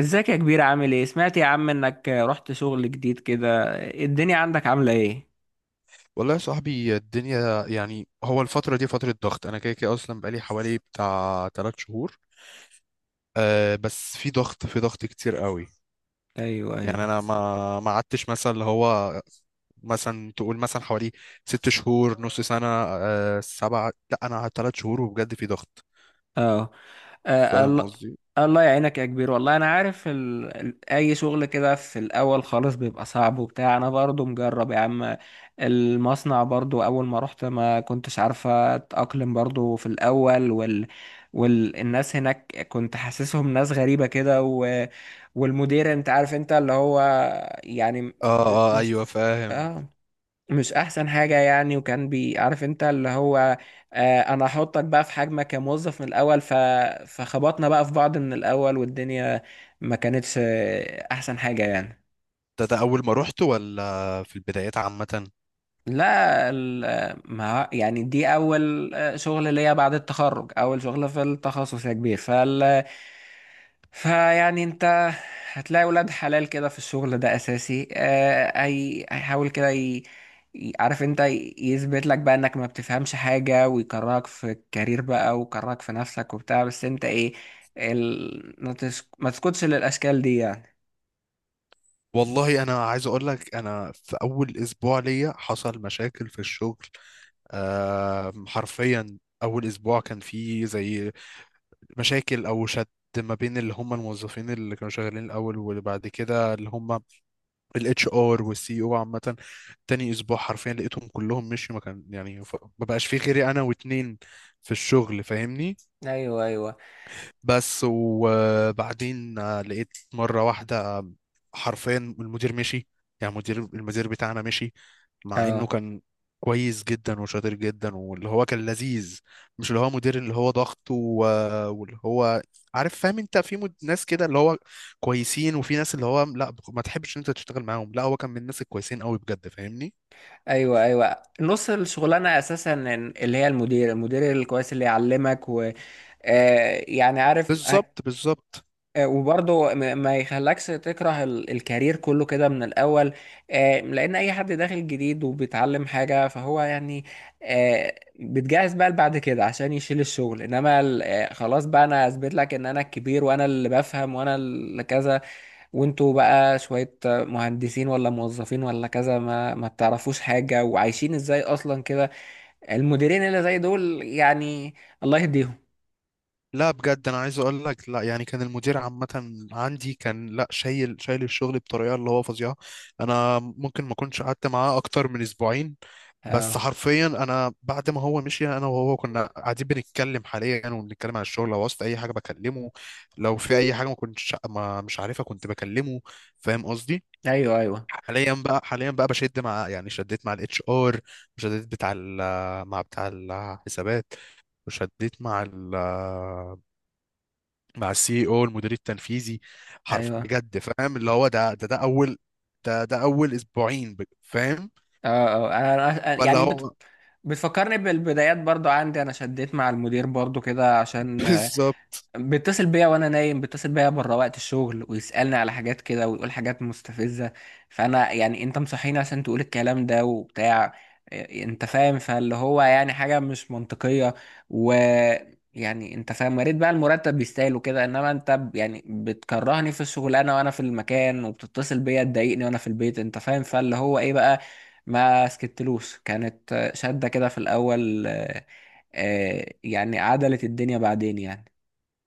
ازيك يا كبير عامل ايه؟ سمعت يا عم انك رحت شغل جديد كده. الدنيا عندك عاملة ايه؟ والله يا صاحبي، الدنيا يعني هو الفترة دي فترة ضغط. أنا كده كده أصلا بقالي حوالي بتاع 3 شهور. بس في ضغط كتير قوي. ايوه، يعني ايوه، أنا ما قعدتش مثلا اللي هو، مثلا تقول مثلا حوالي 6 شهور، نص سنة، سبعة، لا أنا قعدت 3 شهور وبجد في ضغط. اه، فاهم الله. قصدي؟ الله يعينك يا كبير، والله انا عارف اي شغل كده في الاول خالص بيبقى صعب وبتاع، انا برضو مجرب يا عم. المصنع برضو اول ما رحت ما كنتش عارفة اتأقلم برضو في الاول والناس هناك كنت حاسسهم ناس غريبة كده والمدير انت عارف انت اللي هو يعني آه، آه، مش، أيوه فاهم. اه، مش احسن حاجة يعني، وكان بيعرف انت اللي هو، آه، انا هحطك بقى في حجمك كموظف من الاول، فخبطنا بقى في بعض من الاول، والدنيا ما كانتش احسن حاجة يعني. ده أول ما رحت ولا في البدايات عامة؟ لا ال- ما يعني دي اول شغل ليا بعد التخرج، اول شغل في التخصص يا كبير، فال فيعني انت هتلاقي ولاد حلال كده في الشغل ده اساسي، هي هيحاول كده عارف انت يثبت لك بقى انك ما بتفهمش حاجة، ويكرهك في الكارير بقى، ويكرهك في نفسك وبتاع. بس انت ايه، ال... ما تسك- ما تسكتش للاشكال دي يعني. والله أنا عايز أقول لك، أنا في أول أسبوع ليا حصل مشاكل في الشغل. حرفيا اول اسبوع كان فيه زي مشاكل او شد ما بين اللي هم الموظفين اللي كانوا شغالين الاول، وبعد كده اللي هم الاتش ار والسي او عامه. تاني اسبوع حرفيا لقيتهم كلهم مشيوا، ما كان يعني ما بقاش فيه غيري انا واتنين في الشغل. فاهمني؟ ايوه، ايوه، بس وبعدين لقيت مرة واحدة حرفيا المدير مشي. يعني المدير بتاعنا مشي مع انه اه. كان كويس جدا وشاطر جدا واللي هو كان لذيذ. مش اللي هو مدير اللي هو ضغط واللي هو عارف فاهم انت، في ناس كده اللي هو كويسين، وفي ناس اللي هو لا ما تحبش انت تشتغل معاهم. لا هو كان من الناس الكويسين قوي بجد. فاهمني؟ ايوه، ايوه، نص الشغلانه اساسا اللي هي المدير، الكويس اللي يعلمك، و يعني عارف، بالظبط، بالظبط. وبرضه ما يخلكش تكره الكارير كله كده من الاول، لان اي حد داخل جديد وبيتعلم حاجه فهو يعني آه، بتجهز بقى بعد كده عشان يشيل الشغل. انما خلاص بقى، انا اثبت لك ان انا الكبير، وانا اللي بفهم، وانا اللي كذا، وانتوا بقى شوية مهندسين ولا موظفين ولا كذا ما بتعرفوش حاجة، وعايشين ازاي اصلا كده. المديرين اللي زي دول يعني الله يهديهم. لا بجد، انا عايز اقول لك، لا يعني كان المدير عامه عندي كان لا شايل شايل الشغل بطريقه اللي هو فظيعه. انا ممكن ما كنتش قعدت معاه اكتر من اسبوعين. بس اه، حرفيا انا بعد ما هو مشي، انا وهو كنا قاعدين بنتكلم حاليا وبنتكلم عن الشغل. لو وصلت اي حاجه بكلمه، لو في اي حاجه ما كنتش ما مش عارفها كنت بكلمه. فاهم قصدي؟ ايوه، ايوه، حاليا بقى بشد مع، يعني شديت مع الاتش ار، وشديت مع بتاع الحسابات، وشديت مع السي او المدير التنفيذي. ايوه، بجد فاهم اللي هو، ده اول، ده اول اسبوعين فاهم. اه، اه، فاللي يعني هو بتفكرني بالبدايات. برضو عندي انا شديت مع المدير برضو كده، عشان بالظبط. بيتصل بيا وانا نايم، بيتصل بيا بره وقت الشغل ويسألني على حاجات كده، ويقول حاجات مستفزة. فانا يعني انت مصحيني عشان تقول الكلام ده وبتاع إيه، انت فاهم؟ فاللي هو يعني حاجة مش منطقية. و يعني انت فاهم، يا ريت بقى المرتب يستاهل وكده، انما انت يعني بتكرهني في الشغلانة وانا في المكان، وبتتصل بيا تضايقني وانا في البيت، انت فاهم؟ فاللي هو ايه بقى، ما سكتلوش، كانت شدة كده في الاول يعني عدلت الدنيا بعدين يعني.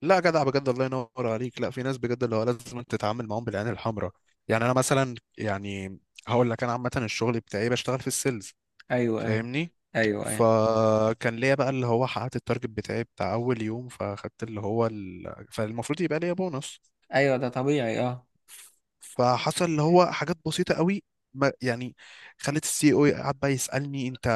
لا جدع بجد، الله ينور عليك. لا في ناس بجد اللي هو لازم تتعامل معاهم بالعين الحمراء. يعني انا مثلا، يعني هقول لك، انا عامه الشغل بتاعي بشتغل في السيلز. ايوه، ايوه، فاهمني؟ ايوه، ايوه، فكان ليا بقى اللي هو حققت التارجت بتاعي بتاع اول يوم، فاخدت اللي هو فالمفروض يبقى ليا بونص. ايوه، ده طبيعي، اه. فحصل اللي هو حاجات بسيطة قوي، ما يعني خلت السي او قعد بقى يسألني: انت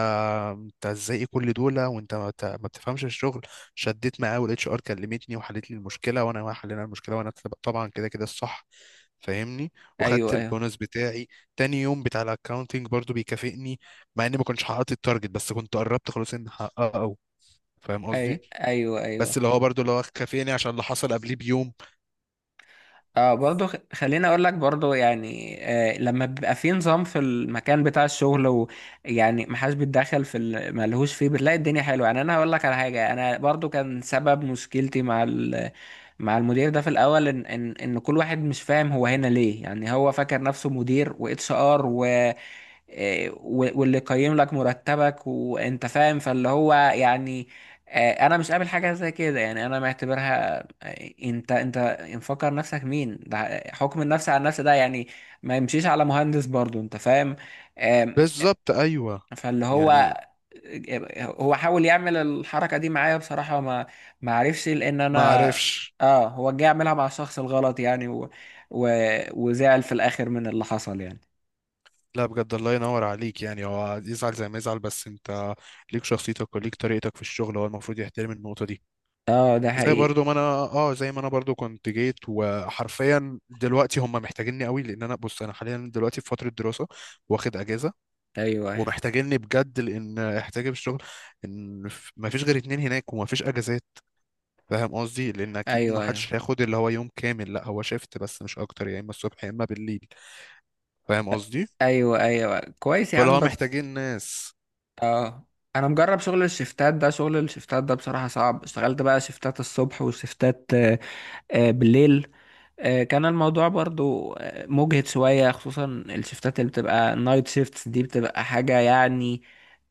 انت ازاي؟ إيه كل دول وانت ما بتفهمش الشغل؟ شديت معاه والاتش ار كلمتني وحلت لي المشكلة، وانا ما حلينا المشكلة، وانا طبعا كده كده الصح. فاهمني؟ وخدت ايوه، ايوه، البونص بتاعي. تاني يوم بتاع الاكاونتنج برضو بيكافئني، مع اني ما كنتش حققت التارجت، بس كنت قربت خلاص اني احققه. فاهم ايوه، قصدي؟ ايوه، بس ايوه، اللي هو برضو اللي هو كافئني عشان اللي حصل قبليه بيوم. اه، برضه خليني اقول لك برضه يعني، آه، لما بيبقى في نظام في المكان بتاع الشغل ويعني محدش بيتدخل في ملهوش فيه، بتلاقي الدنيا حلوه يعني. انا هقول لك على حاجه، انا برضه كان سبب مشكلتي مع مع المدير ده في الاول، ان كل واحد مش فاهم هو هنا ليه، يعني هو فاكر نفسه مدير واتش ار، واللي يقيم لك مرتبك، وانت فاهم؟ فاللي هو يعني، انا مش قابل حاجه زي كده يعني، انا معتبرها انت، مفكر نفسك مين ده؟ حكم النفس على النفس ده يعني ما يمشيش على مهندس برضو، انت فاهم؟ آم، بالظبط، ايوه. فاللي هو يعني هو حاول يعمل الحركه دي معايا بصراحه، ما عرفش لان انا ما عرفش. اه، هو جه يعملها مع الشخص الغلط يعني، و... وزعل في الاخر من اللي حصل يعني. لا بجد الله ينور عليك، يعني هو يزعل زي ما يزعل، بس انت ليك شخصيتك وليك طريقتك في الشغل، هو المفروض يحترم النقطة دي. اه، ده زي حقيقي. برضو ما انا اه زي ما انا برضو كنت جيت، وحرفيا دلوقتي هم محتاجيني قوي، لان انا بص انا حاليا دلوقتي في فترة دراسة، واخد اجازة. ايوه، ايوه، ومحتاجيني بجد، لان احتاجي في الشغل. ان ما فيش غير 2 هناك وما فيش اجازات. فاهم قصدي؟ لان اكيد ما ايوه، ايوه، حدش هياخد اللي هو يوم كامل، لا هو شيفت بس مش اكتر، يا اما الصبح يا اما بالليل. فاهم قصدي؟ ايوه، ايوه، كويس يا فاللي عم، هو بس محتاجين ناس. اه، انا مجرب شغل الشفتات ده. شغل الشفتات ده بصراحة صعب. اشتغلت بقى شفتات الصبح وشفتات بالليل. كان الموضوع برضو مجهد شوية، خصوصا الشفتات اللي بتبقى نايت شيفتس دي بتبقى حاجة يعني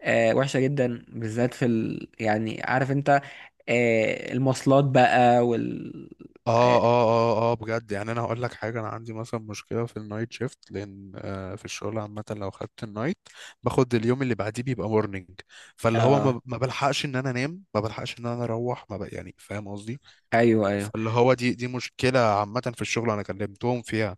وحشة جدا، بالذات في يعني عارف انت المواصلات بقى اه، اه، اه، اه، اه، بجد. يعني انا هقول لك حاجه، انا عندي مثلا مشكله في النايت شيفت، لان في الشغل عامه لو خدت النايت باخد اليوم اللي بعديه بيبقى مورنينج. فاللي هو آه، ما بلحقش ان انا انام، ما بلحقش ان انا اروح، ما بق يعني فاهم قصدي؟ ايوه، ايوه. فاللي هو دي مشكله عامه في الشغل انا كلمتهم فيها.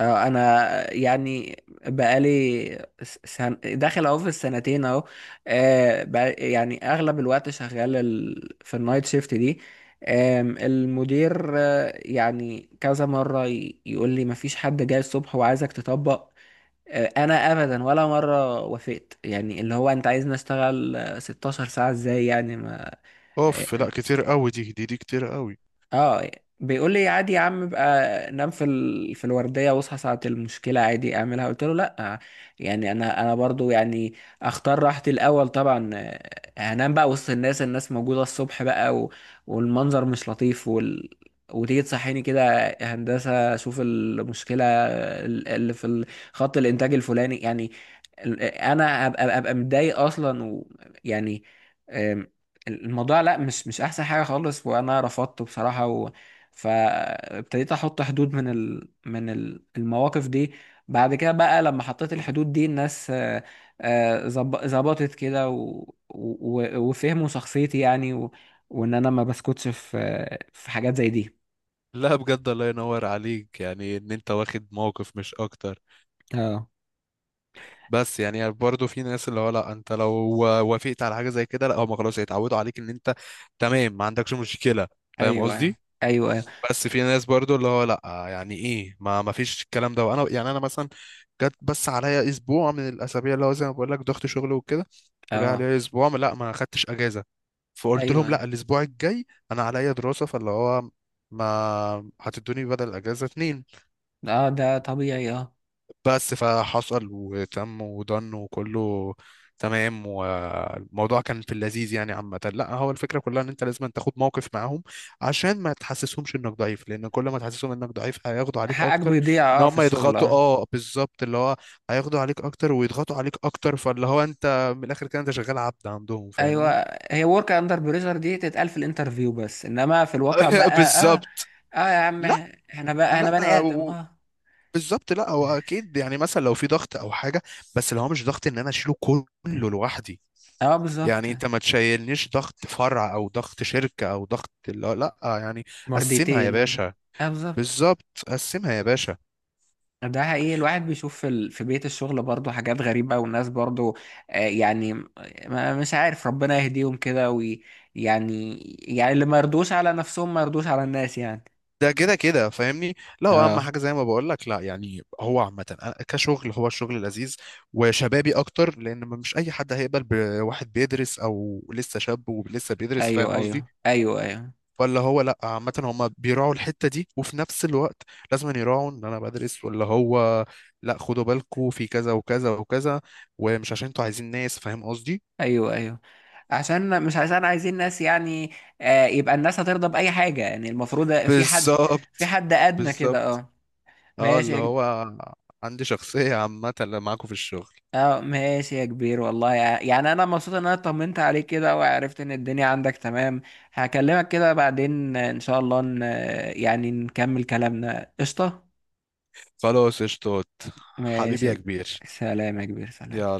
انا يعني بقالي داخل اهو في السنتين اهو، يعني اغلب الوقت شغال في النايت شيفت دي. آم، المدير يعني كذا مرة يقول لي مفيش حد جاي الصبح وعايزك تطبق، انا ابدا ولا مرة وافقت يعني. اللي هو انت عايزني اشتغل 16 ساعة ازاي يعني؟ ما اوف، آه، لا كتير قوي، دي كتير قوي. اه، بيقول لي عادي يا عم بقى نام في في الورديه واصحى ساعه المشكله عادي اعملها. قلت له لا، يعني انا برضو يعني اختار راحتي الاول طبعا. هنام بقى وسط الناس، الناس موجوده الصبح بقى، والمنظر مش لطيف، وتيجي تصحيني كده هندسه شوف المشكله اللي في خط الانتاج الفلاني يعني، انا ابقى متضايق اصلا. ويعني الموضوع لا، مش، مش احسن حاجه خالص، وانا رفضته بصراحه فابتديت احط حدود من المواقف دي. بعد كده بقى لما حطيت الحدود دي الناس ظبطت كده وفهموا شخصيتي يعني وان انا ما بسكتش في في حاجات زي دي. لا بجد الله ينور عليك، يعني ان انت واخد موقف مش اكتر. اه، بس يعني برضه في ناس اللي هو لا، انت لو وافقت على حاجه زي كده لا هم خلاص هيتعودوا عليك ان انت تمام ما عندكش مشكله. فاهم ايوه، ايوه، قصدي؟ ايوه، ايوه، بس في ناس برضه اللي هو لا، يعني ايه؟ ما فيش الكلام ده. وانا يعني انا مثلا جت بس عليا اسبوع من الاسابيع اللي هو زي ما بقول لك ضغط شغل وكده. فجاء اه، عليا اسبوع لا ما خدتش اجازه. فقلت لهم ايوه، لا، الاسبوع الجاي انا عليا دراسه، فاللي هو ما هتدوني بدل الاجازه 2. اه، ده طبيعي، اه. بس فحصل وتم ودن وكله تمام. والموضوع كان في اللذيذ يعني. عامة لا هو الفكرة كلها ان انت لازم أن تاخد موقف معاهم، عشان ما تحسسهمش انك ضعيف، لان كل ما تحسسهم انك ضعيف هياخدوا عليك حقك اكتر. بيضيع ان اه في هم الشغل، يضغطوا، اه، اه بالظبط، اللي هو هياخدوا عليك اكتر ويضغطوا عليك اكتر. فاللي هو انت من الاخر كده انت شغال عبد عندهم. فاهمني؟ ايوه. هي ورك اندر بريشر دي تتقال في الانترفيو بس، انما في الواقع بقى اه، بالظبط. اه يا عم، لا، احنا بقى احنا بني لا، ادم، اه، بالظبط. لا هو اكيد يعني مثلا لو في ضغط او حاجة، بس اللي هو مش ضغط ان انا اشيله كله لوحدي. اه، بالظبط. يعني انت ما تشيلنيش ضغط فرع، او ضغط شركة، او ضغط، لا، لا، يعني قسمها يا مرديتين والله، باشا. اه، بالظبط. بالظبط، قسمها يا باشا. ده حقيقي، الواحد بيشوف في في بيت الشغل برضه حاجات غريبة، والناس برضه يعني ما مش عارف، ربنا يهديهم كده يعني، يعني اللي ما يرضوش على نفسهم ما يرضوش على الناس يعني. ده كده كده فاهمني. لا هو اهم اه، حاجه زي ما بقول لك، لا يعني هو عامه أنا كشغل، هو الشغل لذيذ وشبابي اكتر، لان مش اي حد هيقبل بواحد بيدرس او لسه شاب ولسه بيدرس. ايوه، فاهم قصدي؟ ايوه، ايوه، ايوه، ولا هو لا، عامة هما بيراعوا الحتة دي وفي نفس الوقت لازم أن يراعوا ان انا بدرس، ولا هو لا، خدوا بالكوا في كذا وكذا وكذا، ومش عشان انتوا عايزين ناس. فاهم قصدي؟ ايوه، ايوه، عشان مش عشان عايزين ناس يعني، يبقى الناس هترضى بأي حاجة يعني. المفروض في حد، في بالظبط، حد أدنى كده، بالظبط. اه. اه ماشي اللي يا هو عندي شخصية عامة اللي معاكوا في الشغل. اه ماشي يا كبير، والله يعني انا مبسوط ان انا طمنت عليك كده، وعرفت ان الدنيا عندك تمام. هكلمك كده بعدين ان شاء الله يعني نكمل كلامنا. قشطة. خلاص قشطات. حبيبي ماشي يا يا ك-. كبير. سلام يا كبير، سلام. يلا.